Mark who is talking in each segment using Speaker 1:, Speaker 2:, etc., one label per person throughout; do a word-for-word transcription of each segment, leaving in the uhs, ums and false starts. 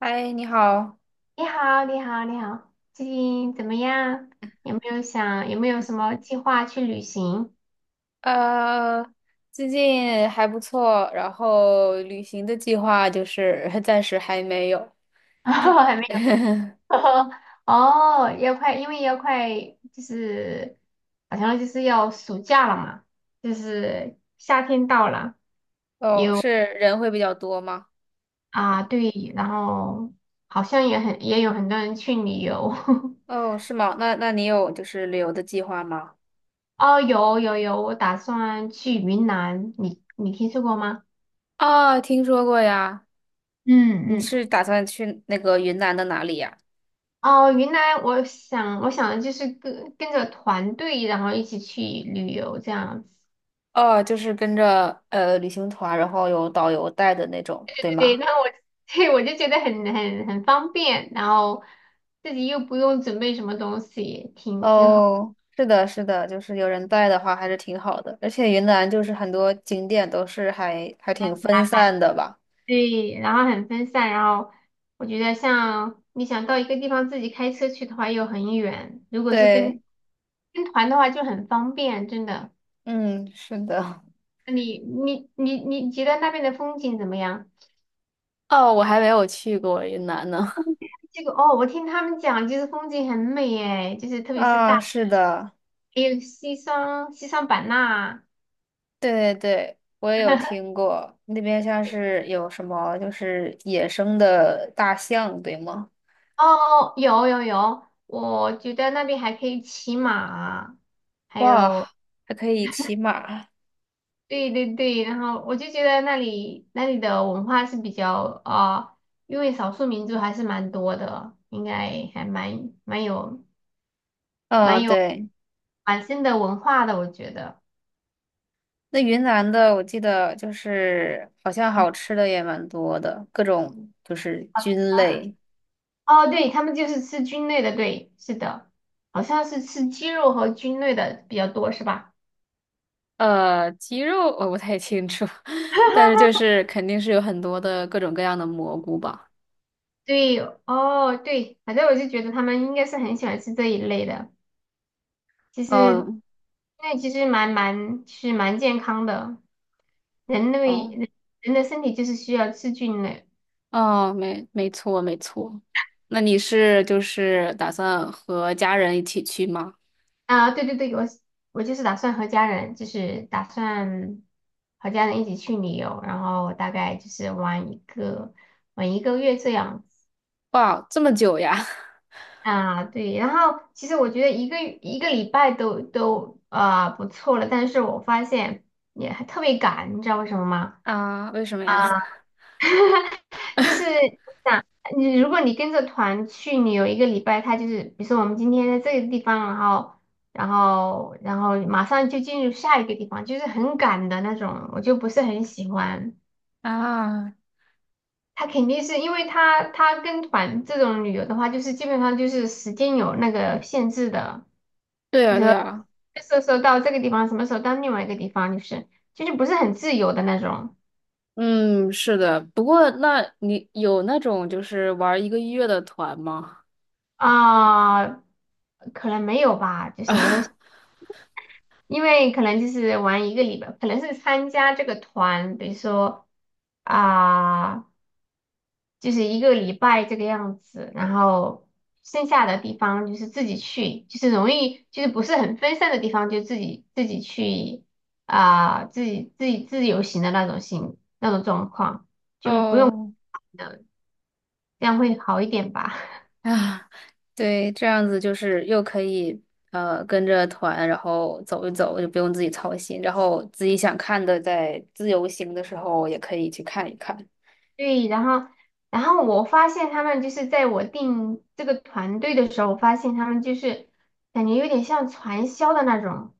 Speaker 1: 嗨，你好，
Speaker 2: 你好，你好，你好，最近怎么样？有没有想有没有什么计划去旅行？
Speaker 1: 呃，最近还不错，然后旅行的计划就是 暂时还没有。
Speaker 2: 哦，还没有。哦，要快，因为要快，就是好像就是要暑假了嘛，就是夏天到了
Speaker 1: 哦，是人会比较多吗？
Speaker 2: 啊，对，然后好像也很也有很多人去旅游。
Speaker 1: 哦，是吗？那那你有就是旅游的计划吗？
Speaker 2: 哦，有有有，我打算去云南，你你听说过吗？
Speaker 1: 啊，听说过呀。你
Speaker 2: 嗯嗯。
Speaker 1: 是打算去那个云南的哪里呀？
Speaker 2: 哦，云南，我想，我想的就是跟跟着团队，然后一起去旅游这样子。
Speaker 1: 哦，就是跟着呃旅行团，然后有导游带的那种，对
Speaker 2: 对对，
Speaker 1: 吗？
Speaker 2: 那我 对我就觉得很很很方便，然后自己又不用准备什么东西，挺挺好。
Speaker 1: 哦，是的，是的，就是有人带的话还是挺好的，而且云南就是很多景点都是还还挺分散的吧？
Speaker 2: 对，然后很分散，然后我觉得像你想到一个地方自己开车去的话又很远，如果是跟
Speaker 1: 对，
Speaker 2: 跟团的话就很方便，真的。
Speaker 1: 嗯，是的，
Speaker 2: 那你你你你觉得那边的风景怎么样？
Speaker 1: 哦，我还没有去过云南呢。
Speaker 2: 这个哦，我听他们讲，就是风景很美诶，就是 特别是大，
Speaker 1: 啊，是的，
Speaker 2: 还有西双西双版纳。
Speaker 1: 对对对，我也有听过，那边像是有什么就是野生的大象，对吗？
Speaker 2: 哦，有有有，我觉得那边还可以骑马，还
Speaker 1: 哇，
Speaker 2: 有。
Speaker 1: 还可以骑马，
Speaker 2: 对对对，然后我就觉得那里那里的文化是比较啊、呃因为少数民族还是蛮多的，应该还蛮蛮有
Speaker 1: 嗯，对。
Speaker 2: 蛮深的文化的，我觉得。
Speaker 1: 那云南的，我记得就是好像好吃的也蛮多的，各种就是菌类。
Speaker 2: 哦，对，他们就是吃菌类的，对，是的，好像是吃鸡肉和菌类的比较多，是吧？
Speaker 1: 呃，鸡肉我不太清楚，但是就 是肯定是有很多的各种各样的蘑菇吧。
Speaker 2: 对，哦，对，反正我就觉得他们应该是很喜欢吃这一类的。其实，
Speaker 1: 哦
Speaker 2: 那其实蛮蛮，是蛮健康的。人类
Speaker 1: 哦，
Speaker 2: 人人的身体就是需要吃菌类
Speaker 1: 哦，没，没错，没错。那你是就是打算和家人一起去吗？
Speaker 2: 啊。对对对，我我就是打算和家人，就是打算和家人一起去旅游，然后大概就是玩一个玩一个月这样
Speaker 1: 哇，这么久呀？
Speaker 2: 啊，对，然后其实我觉得一个一个礼拜都都啊、不错了，但是我发现也还特别赶，你知道为什么吗？
Speaker 1: 啊，为什么呀？
Speaker 2: 就是我想你如果你跟着团去，你有一个礼拜，他就是比如说我们今天在这个地方，然后然后然后马上就进入下一个地方，就是很赶的那种，我就不是很喜欢。
Speaker 1: 啊，
Speaker 2: 他肯定是因为他他跟团这种旅游的话，就是基本上就是时间有那个限制的。
Speaker 1: 对
Speaker 2: 你
Speaker 1: 呀对
Speaker 2: 说
Speaker 1: 呀。
Speaker 2: 这时候到这个地方，什么时候到另外一个地方，就是就是不是很自由的那种
Speaker 1: 嗯，是的。不过，那你有那种就是玩一个月的团吗？
Speaker 2: 啊、可能没有吧，就 是我在想
Speaker 1: 啊
Speaker 2: 因为可能就是玩一个礼拜，可能是参加这个团，比如说啊、就是一个礼拜这个样子，然后剩下的地方就是自己去，就是容易就是不是很分散的地方，就自己自己去啊、自己自己自由行的那种行那种状况。就不用，
Speaker 1: 哦，
Speaker 2: 呃这样会好一点吧？
Speaker 1: 啊，对，这样子就是又可以呃跟着团，然后走一走，就不用自己操心，然后自己想看的，在自由行的时候也可以去看一看。
Speaker 2: 对，然后，然后我发现他们就是在我定这个团队的时候，我发现他们就是感觉有点像传销的那种，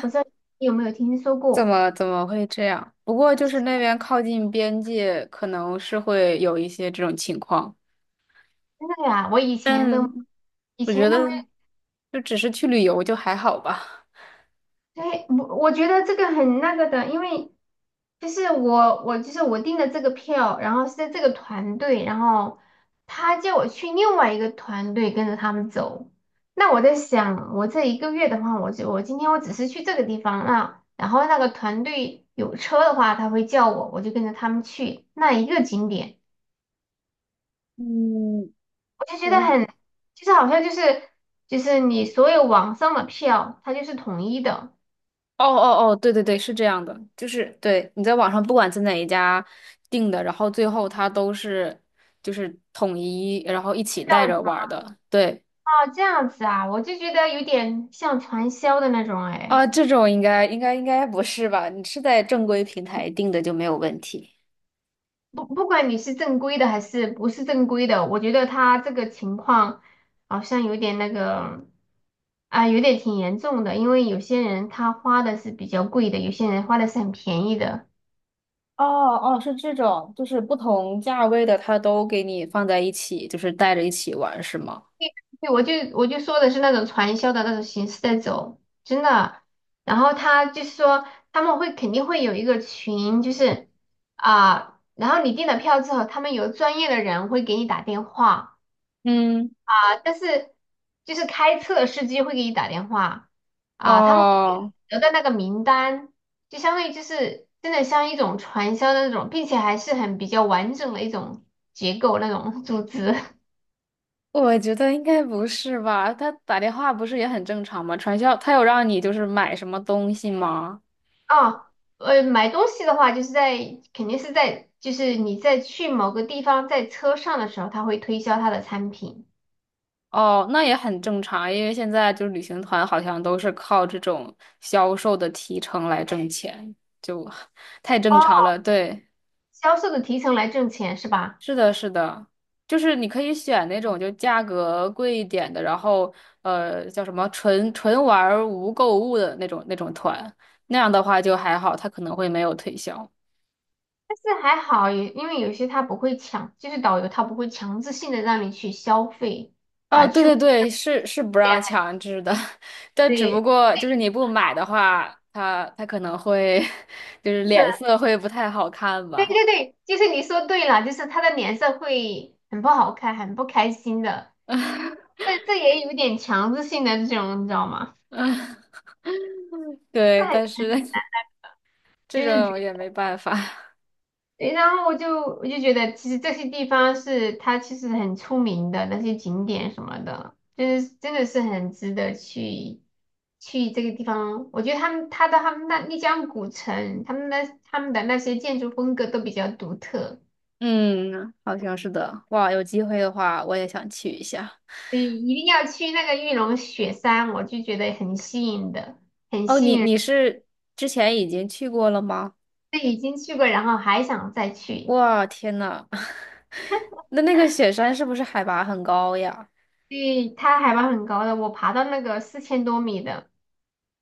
Speaker 2: 不知道你有没有听说
Speaker 1: 怎
Speaker 2: 过？
Speaker 1: 么怎么会这样？不过就是那边靠近边界，可能是会有一些这种情况，
Speaker 2: 真的呀，我以前都
Speaker 1: 但
Speaker 2: 以
Speaker 1: 我觉
Speaker 2: 前都没
Speaker 1: 得
Speaker 2: 有。
Speaker 1: 就只是去旅游就还好吧。
Speaker 2: 对，我我觉得这个很那个的，因为就是我我就是我订的这个票，然后是在这个团队，然后他叫我去另外一个团队跟着他们走。那我在想，我这一个月的话，我就我今天我只是去这个地方啊，然后那个团队有车的话，他会叫我，我就跟着他们去那一个景点，
Speaker 1: 嗯，
Speaker 2: 我就觉得
Speaker 1: 嗯，
Speaker 2: 很，就是好像就是就是你所有网上的票，它就是统一的。
Speaker 1: 哦哦哦，对对对，是这样的，就是对你在网上不管在哪一家订的，然后最后它都是就是统一，然后一起
Speaker 2: 这
Speaker 1: 带着
Speaker 2: 样。
Speaker 1: 玩儿的。对
Speaker 2: 哦，这样子啊，我就觉得有点像传销的那种哎，
Speaker 1: 啊，这种应该应该应该不是吧？你是在正规平台订的就没有问题。
Speaker 2: 不不管你是正规的还是不是正规的，我觉得他这个情况好像有点那个啊，有点挺严重的，因为有些人他花的是比较贵的，有些人花的是很便宜的。
Speaker 1: 哦哦，是这种，就是不同价位的，它都给你放在一起，就是带着一起玩，是吗？
Speaker 2: 对，我就我就说的是那种传销的那种形式在走，真的。然后他就是说他们会肯定会有一个群，就是啊。然后你订了票之后，他们有专业的人会给你打电话，
Speaker 1: 嗯，
Speaker 2: 但是就是开车的司机会给你打电话啊，他们
Speaker 1: 哦
Speaker 2: 得到那个名单，就相当于就是真的像一种传销的那种，并且还是很比较完整的一种结构那种组织。
Speaker 1: 我觉得应该不是吧？他打电话不是也很正常吗？传销，他有让你就是买什么东西吗？
Speaker 2: 啊。呃，买东西的话，就是在肯定是在就是你在去某个地方在车上的时候，他会推销他的产品，
Speaker 1: 哦，那也很正常，因为现在就是旅行团好像都是靠这种销售的提成来挣钱，就 太正
Speaker 2: 哦，
Speaker 1: 常了。对，
Speaker 2: 销售的提成来挣钱是吧？
Speaker 1: 是的，是的，就是你可以选那种就价格贵一点的，然后呃叫什么纯纯玩儿无购物的那种那种团，那样的话就还好，他可能会没有推销。
Speaker 2: 但是还好，有因为有些他不会强，就是导游他不会强制性的让你去消费。
Speaker 1: 哦，对对对，是是不
Speaker 2: 对
Speaker 1: 让
Speaker 2: 呀，
Speaker 1: 强制的，但只不
Speaker 2: 对
Speaker 1: 过就是你不买的话，他他可能会 就是脸 色会不太好看
Speaker 2: 对
Speaker 1: 吧。
Speaker 2: 对对，就是你说对了，就是他的脸色会很不好看，很不开心的。这这也有点强制性的这种，你知道吗？这
Speaker 1: 对，但
Speaker 2: 很
Speaker 1: 是 这
Speaker 2: 就是觉
Speaker 1: 种也没办法。
Speaker 2: 对然后我就我就觉得，其实这些地方是它其实很出名的那些景点什么的，就是真的是很值得去去这个地方。我觉得他们他的他们那丽江古城，他们的他们的那些建筑风格都比较独特。
Speaker 1: 嗯，好像是的。哇，有机会的话，我也想去一下。
Speaker 2: 对，一定要去那个玉龙雪山，我就觉得很吸引的，很
Speaker 1: 哦，
Speaker 2: 吸
Speaker 1: 你
Speaker 2: 引人。
Speaker 1: 你是之前已经去过了吗？
Speaker 2: 对已经去过，然后还想再去。
Speaker 1: 哇，天呐，那那个雪山是不是海拔很高呀？
Speaker 2: 对，它海拔很高的，我爬到那个四千多米的，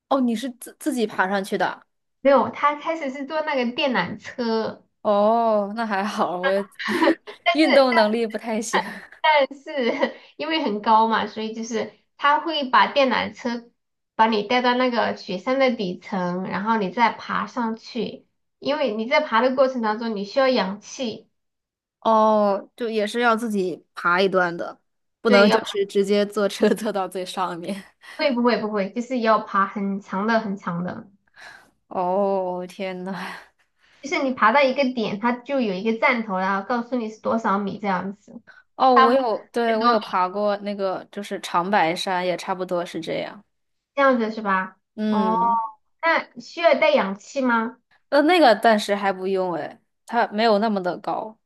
Speaker 1: 哦，你是自自己爬上去的。
Speaker 2: 没有，它开始是坐那个电缆车，
Speaker 1: 哦，那还好，我
Speaker 2: 但
Speaker 1: 运
Speaker 2: 是
Speaker 1: 动能力不太行。
Speaker 2: 但是 因为很高嘛，所以就是他会把电缆车把你带到那个雪山的底层，然后你再爬上去，因为你在爬的过程当中，你需要氧气。
Speaker 1: 哦，就也是要自己爬一段的，不
Speaker 2: 对，
Speaker 1: 能就
Speaker 2: 要
Speaker 1: 是直接坐车 坐到最上面。
Speaker 2: 会不会不会，就是要爬很长的很长的，
Speaker 1: 哦，天呐，
Speaker 2: 就是你爬到一个点，它就有一个站头，然后告诉你是多少米这样子，
Speaker 1: 哦，我有，对，
Speaker 2: 很
Speaker 1: 我
Speaker 2: 多
Speaker 1: 有
Speaker 2: 米
Speaker 1: 爬过那个，就是长白山，也差不多是这样。
Speaker 2: 这样子是吧？哦，
Speaker 1: 嗯，
Speaker 2: 那需要带氧气吗？
Speaker 1: 呃，那个暂时还不用，诶，它没有那么的高。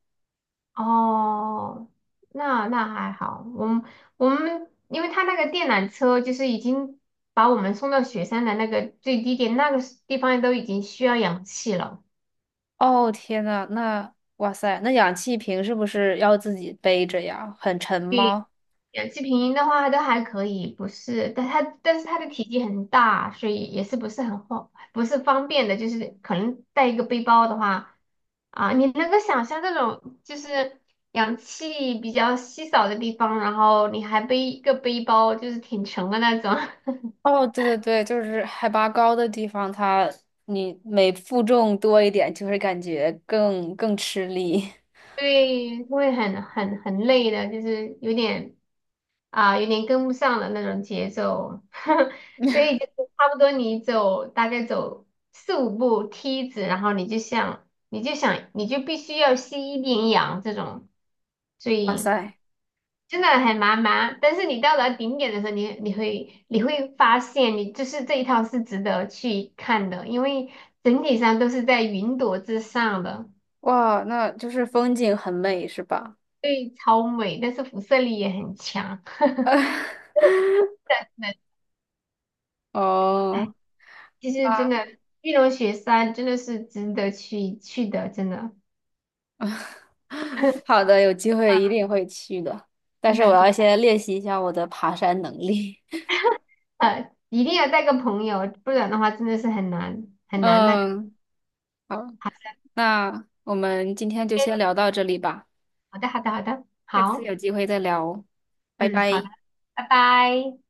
Speaker 2: 哦，那那还好，我们我们因为他那个电缆车就是已经把我们送到雪山的那个最低点，那个地方都已经需要氧气了。
Speaker 1: 哦，天呐，那，哇塞，那氧气瓶是不是要自己背着呀？很沉吗？
Speaker 2: 氧气瓶的话都还可以，不是，但它但是它的体积很大，所以也是不是很方不是方便的，就是可能带一个背包的话啊，你能够想象这种就是氧气比较稀少的地方，然后你还背一个背包，就是挺沉的那种，
Speaker 1: 哦，对对对，就是海拔高的地方，它你每负重多一点，就会感觉更更吃力。
Speaker 2: 对，会很很很累的，就是有点啊，有点跟不上了那种节奏，所以就是差不多你走大概走四五步梯子，然后你就像，你就想你就必须要吸一点氧这种，所
Speaker 1: 哇
Speaker 2: 以
Speaker 1: 塞，
Speaker 2: 真的很麻麻。但是你到达顶点的时候，你你会你会发现你就是这一套是值得去看的，因为整体上都是在云朵之上的，
Speaker 1: 哇，那就是风景很美，是吧？
Speaker 2: 所以超美，但是辐射力也很强。真的
Speaker 1: 哦，
Speaker 2: 其实真
Speaker 1: 啊，
Speaker 2: 的，玉龙雪山真的是值得去去的，真的，真 的
Speaker 1: 好的，有机
Speaker 2: 啊，
Speaker 1: 会一定会去的，但
Speaker 2: 真
Speaker 1: 是
Speaker 2: 的，
Speaker 1: 我要先练习一下我的爬山能力。
Speaker 2: 呃，一定要带个朋友，不然的话真的是很难 很难那个。
Speaker 1: 嗯，好，
Speaker 2: 好的，
Speaker 1: 那我们今天就先
Speaker 2: 嗯
Speaker 1: 聊到这里吧，
Speaker 2: 好的，好的，好的，
Speaker 1: 下次
Speaker 2: 好，
Speaker 1: 有机会再聊哦，拜
Speaker 2: 嗯，好的，
Speaker 1: 拜。
Speaker 2: 拜拜。